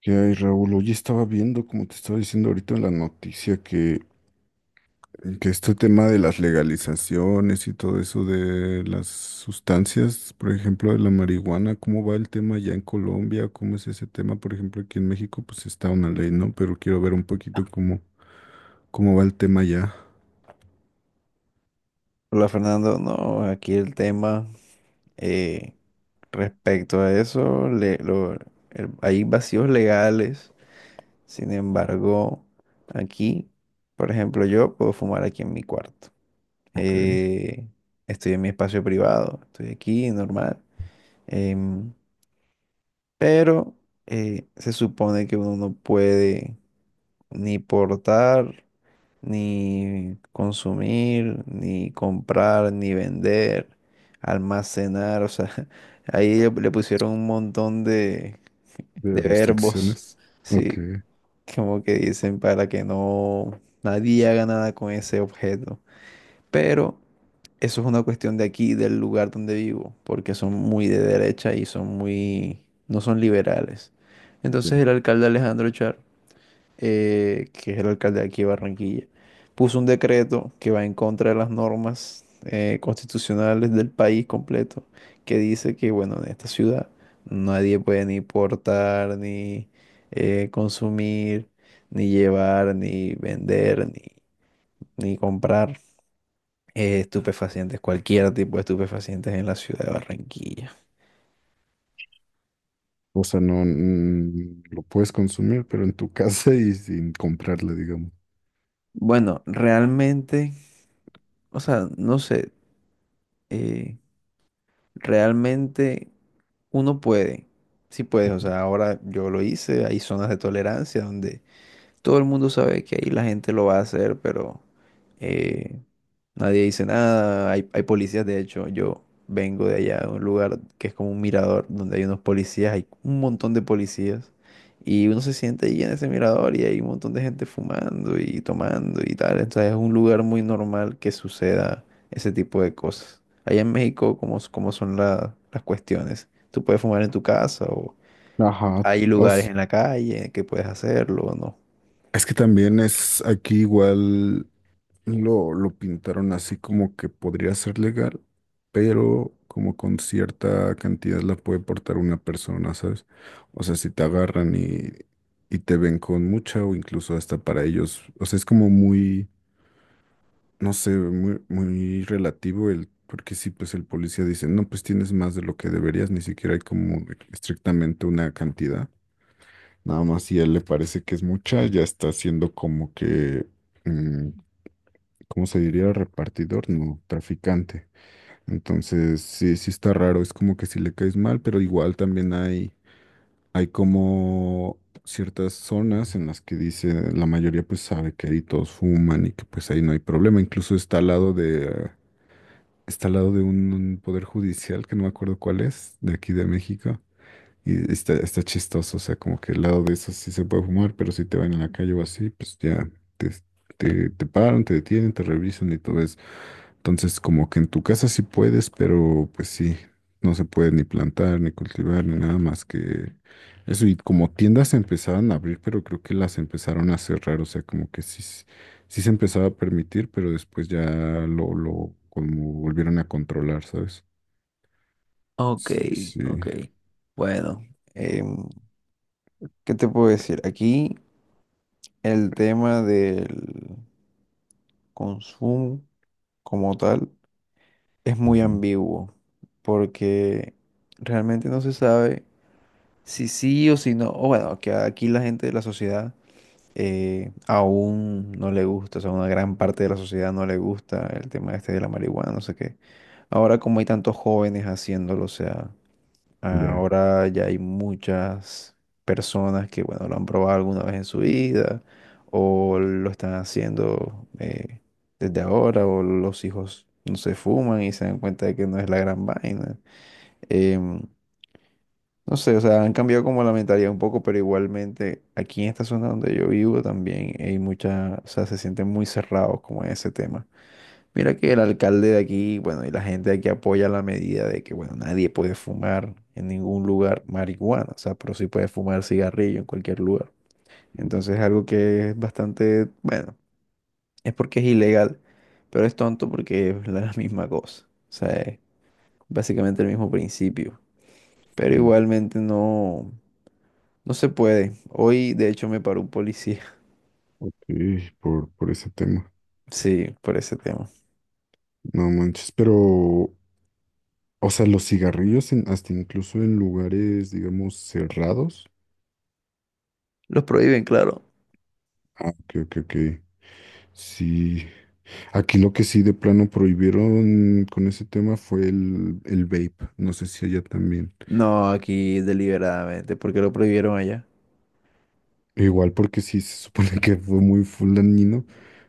¿Qué hay, Raúl? Oye, estaba viendo, como te estaba diciendo ahorita en la noticia, que este tema de las legalizaciones y todo eso de las sustancias, por ejemplo, de la marihuana, ¿cómo va el tema ya en Colombia? ¿Cómo es ese tema? Por ejemplo, aquí en México, pues está una ley, ¿no? Pero quiero ver un poquito cómo va el tema ya. Hola Fernando, no, aquí el tema eh, respecto a eso, hay vacíos legales. Sin embargo, aquí, por ejemplo, yo puedo fumar aquí en mi cuarto. Ok, Eh, Estoy en mi espacio privado, estoy aquí, normal, em, pero se supone que uno no puede ni portar, ni consumir, ni comprar, ni vender, almacenar, o sea, ahí le pusieron un montón de de verbos, restricciones. Ok. sí, como que dicen para que no nadie haga nada con ese objeto. Pero eso es una cuestión de aquí, del lugar donde vivo, porque son muy de derecha y son muy, no son liberales. Entonces de- el alcalde Alejandro Char que es el alcalde de aquí de Barranquilla, puso un decreto que va en contra de las normas constitucionales del país completo, que dice que, bueno, en esta ciudad nadie puede ni portar, ni consumir, ni llevar, ni vender, ni comprar estupefacientes, cualquier tipo de estupefacientes en la ciudad de Barranquilla. O sea, no lo puedes consumir, pero en tu casa y sin comprarla, digamos. Bueno, realmente, o sea, no sé, eh, realmente uno puede, sí puedes, o sea, ahora yo lo hice, hay zonas de tolerancia donde todo el mundo sabe que ahí la gente lo va a hacer, pero eh, nadie dice nada, hay policías. De hecho, yo vengo de allá, de un lugar que es como un mirador, donde hay unos policías, hay un montón de policías, y uno se siente allí en ese mirador y hay un montón de gente fumando y tomando y tal. Entonces es un lugar muy normal que suceda ese tipo de cosas. Allá en México, ¿cómo, cómo son las cuestiones? ¿Tú puedes fumar en tu casa o Ajá. hay O lugares s- en la calle que puedes hacerlo o no? Es que también es aquí igual lo pintaron así como que podría ser legal, pero como con cierta cantidad la puede portar una persona, ¿sabes? O sea, si te agarran y te ven con mucha o incluso hasta para ellos, o sea, es como muy, no sé, muy relativo el, porque sí, pues el policía dice, no, pues tienes más de lo que deberías, ni siquiera hay como estrictamente una cantidad. Nada más si a él le parece que es mucha, ya está siendo como que, mm, ¿cómo se diría? Repartidor, no, traficante. Entonces, sí está raro, es como que si le caes mal, pero igual también hay como ciertas zonas en las que dice, la mayoría pues sabe que ahí todos fuman y que pues ahí no hay problema. Incluso está al lado de un poder judicial, que no me acuerdo cuál es, de aquí de México. Y está chistoso, o sea, como que el lado de eso sí se puede fumar, pero si te van en la calle o así, pues ya te, te paran, te detienen, te revisan y todo eso. Entonces, como que en tu casa sí puedes, pero pues sí, no se puede ni plantar, ni cultivar, ni nada más que eso. Y como tiendas se empezaron a abrir, pero creo que las empezaron a cerrar, o sea, como que sí, sí se empezaba a permitir, pero después ya lo como volvieron a controlar, ¿sabes? Ok, Sí, sí. ok. Bueno, em, ¿qué te puedo decir? Aquí el tema del consumo como tal es muy Ujú. ambiguo, porque realmente no se sabe si sí o si no. O bueno, que aquí la gente de la sociedad aún no le gusta, o sea, una gran parte de la sociedad no le gusta el tema este de la marihuana, no sé qué. Ahora como hay tantos jóvenes haciéndolo, o sea, Ya. ahora ya hay muchas personas que, bueno, lo han probado alguna vez en su vida o lo están haciendo desde ahora, o los hijos no se fuman y se dan cuenta de que no es la gran vaina. Em, no sé, o sea, han cambiado como la mentalidad un poco, pero igualmente aquí en esta zona donde yo vivo también hay mucha, o sea, se sienten muy cerrados como en ese tema. Mira que el alcalde de aquí, bueno, y la gente de aquí apoya la medida de que, bueno, nadie puede fumar en ningún lugar marihuana, o sea, pero sí puede fumar cigarrillo en cualquier lugar. Entonces es algo que es bastante, bueno, es porque es ilegal, pero es tonto porque es la misma cosa, o sea, es básicamente el mismo principio, pero Sí. igualmente no, no se puede. Hoy, de hecho, me paró un policía, Ok, por ese tema. sí, por ese tema. No manches, pero los cigarrillos hasta incluso en lugares, digamos, cerrados. Los prohíben, claro. Ah, ok, ok, ok. Sí, aquí lo que sí de plano prohibieron con ese tema fue el vape. No sé si allá también. No, aquí deliberadamente, porque lo prohibieron allá. Igual porque sí se supone que fue muy full dañino,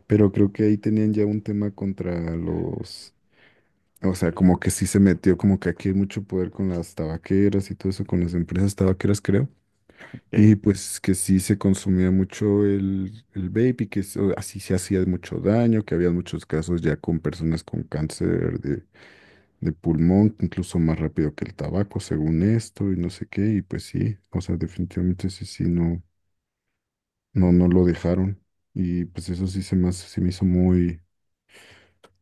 pero creo que ahí tenían ya un tema contra los, o sea, como que sí se metió como que aquí hay mucho poder con las tabaqueras y todo eso, con las empresas tabaqueras, creo. Y Ok. pues que sí se consumía mucho el vape y que así se hacía mucho daño, que había muchos casos ya con personas con cáncer de pulmón, incluso más rápido que el tabaco, según esto, y no sé qué, y pues sí, o sea, definitivamente sí, sí, no, no, no lo dejaron. Y pues eso sí se me hizo muy,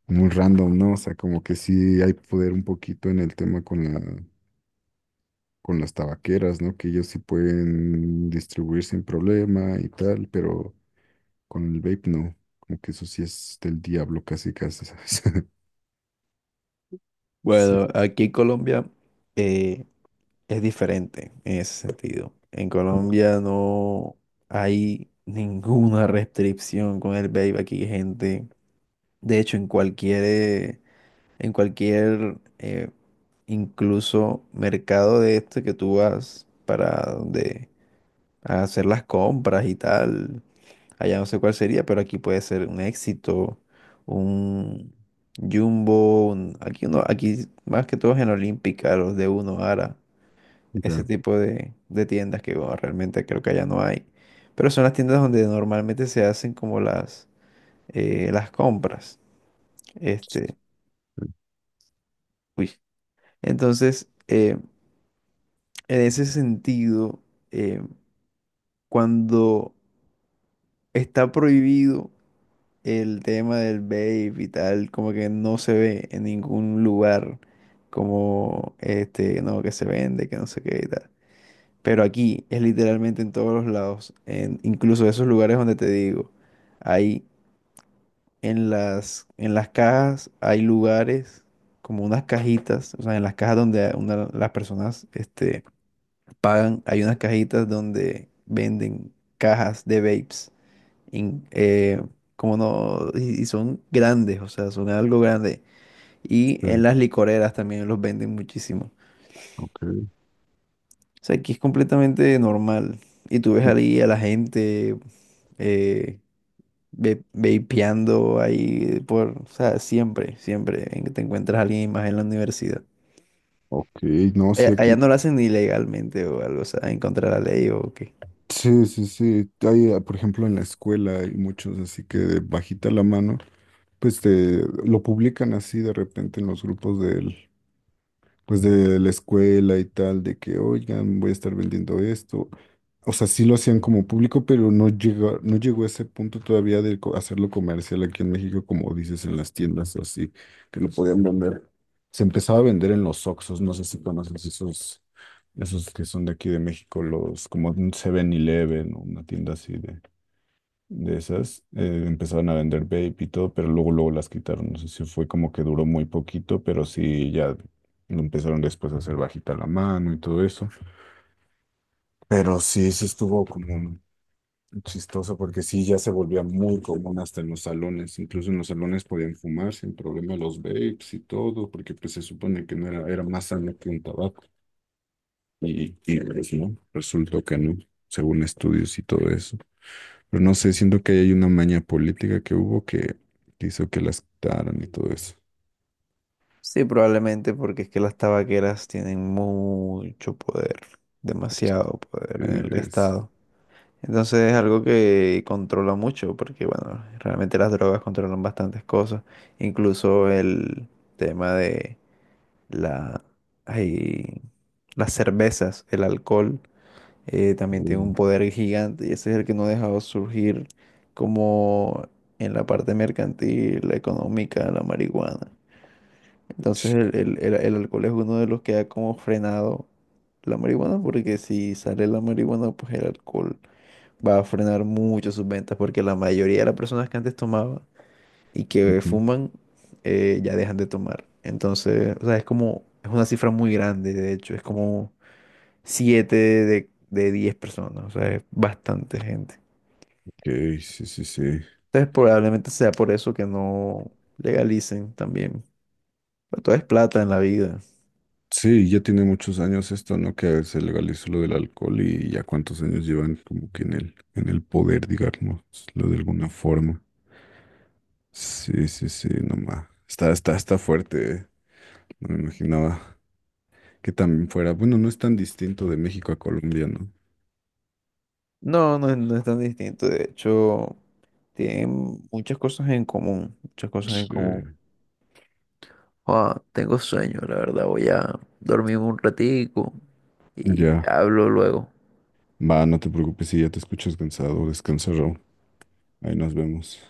muy random, ¿no? O sea, como que sí hay poder un poquito en el tema con la, con las tabaqueras, ¿no? Que ellos sí pueden distribuir sin problema y tal, pero con el vape no, como que eso sí es del diablo casi casi, ¿sabes? Sí. Bueno, aquí en Colombia eh, es diferente en ese sentido. En Ok. Colombia no hay ninguna restricción con el vape. Aquí hay gente, de hecho, en cualquier, incluso mercado de este que tú vas para donde a hacer las compras y tal. Allá no sé cuál sería, pero aquí puede ser un Éxito, un Jumbo, aquí uno, aquí más que todo es en Olímpica, los de Uno, Ara, Ya, ese tipo de tiendas que bueno, realmente creo que allá no hay. Pero son las tiendas donde normalmente se hacen como las compras. Este, uy. Entonces, en ese sentido, eh, cuando está prohibido el tema del vape y tal, como que no se ve en ningún lugar como este, no, que se vende, que no sé qué y tal. Pero aquí es literalmente en todos los lados, en, incluso esos lugares donde te digo, hay en las cajas, hay lugares como unas cajitas, o sea, en las cajas donde las personas este, pagan, hay unas cajitas donde venden cajas de vapes in- eh, como no, y son grandes, o sea, son algo grande. Y en este, las licoreras también los venden muchísimo. ok, O sea, aquí es completamente normal. Y tú ves ahí a la gente eh, vapeando ahí por, o sea, siempre, siempre te encuentras a alguien más en la universidad. ok, no, sí Allá, allá aquí, no lo hacen ni legalmente o algo, o sea, en contra de la ley o qué. sí, sí, sí, hay, ah, por ejemplo, en la escuela hay muchos así que de bajita la mano, pues te, lo publican así de repente en los grupos del, pues de la escuela y tal, de que, oigan, voy a estar vendiendo esto. O sea, sí lo hacían como público, pero no llegó a ese punto todavía de hacerlo comercial aquí en México, como dices, en las tiendas o así, que lo podían vender. Se empezaba a vender en los Oxxos, no sé si conoces esos, esos que son de aquí de México, los como un 7-Eleven o una tienda así de esas. Empezaban a vender vape y todo, pero luego las quitaron. No sé si fue como que duró muy poquito, pero sí ya lo empezaron después a hacer bajita la mano y todo eso. Pero sí, sí estuvo como chistoso porque sí, ya se volvía muy común hasta en los salones. Incluso en los salones podían fumar sin problema los vapes y todo, porque pues se supone que no era más sano que un tabaco. Y pues no, resultó que no, según estudios y todo eso. Pero no sé, siento que hay una maña política que que hizo que las quitaran y todo eso. Sí, probablemente porque es que las tabaqueras tienen mucho poder, demasiado poder en el Es- estado. Entonces es algo que controla mucho, porque bueno, realmente las drogas controlan bastantes cosas, incluso el tema de la, ay, las cervezas, el alcohol, también tiene un Mm. poder gigante y ese es el que no ha dejado surgir como en la parte mercantil, la económica, la marihuana. Entonces el alcohol es uno de los que ha como frenado la marihuana, porque si sale la marihuana, pues el alcohol va a frenar mucho sus ventas, porque la mayoría de las personas que antes tomaban y que Ujú. fuman ya dejan de tomar. Entonces, o sea, es como, es una cifra muy grande, de hecho, es como 7 de 10 personas, o sea, es bastante gente. Ok, sí, sí, sí. Entonces probablemente sea por eso que no legalicen también. Pero todo es plata en la vida. Sí, ya tiene muchos años esto, ¿no? Que se legalizó lo del alcohol y ya cuántos años llevan como que en en el poder, digamos, lo de alguna forma. Sí, sí, sí, nomás. Está fuerte, ¿eh? No me imaginaba que también fuera. Bueno, no es tan distinto de México a Colombia, ¿no? No, no, no es tan distinto, de hecho, tienen muchas cosas en común, muchas cosas en común. Sí. Joa, tengo sueño, la verdad. Voy a dormir un ratico y te Ya. hablo luego. Va, no te preocupes si ya te escuchas cansado. Descansa, Raúl. Ahí nos vemos.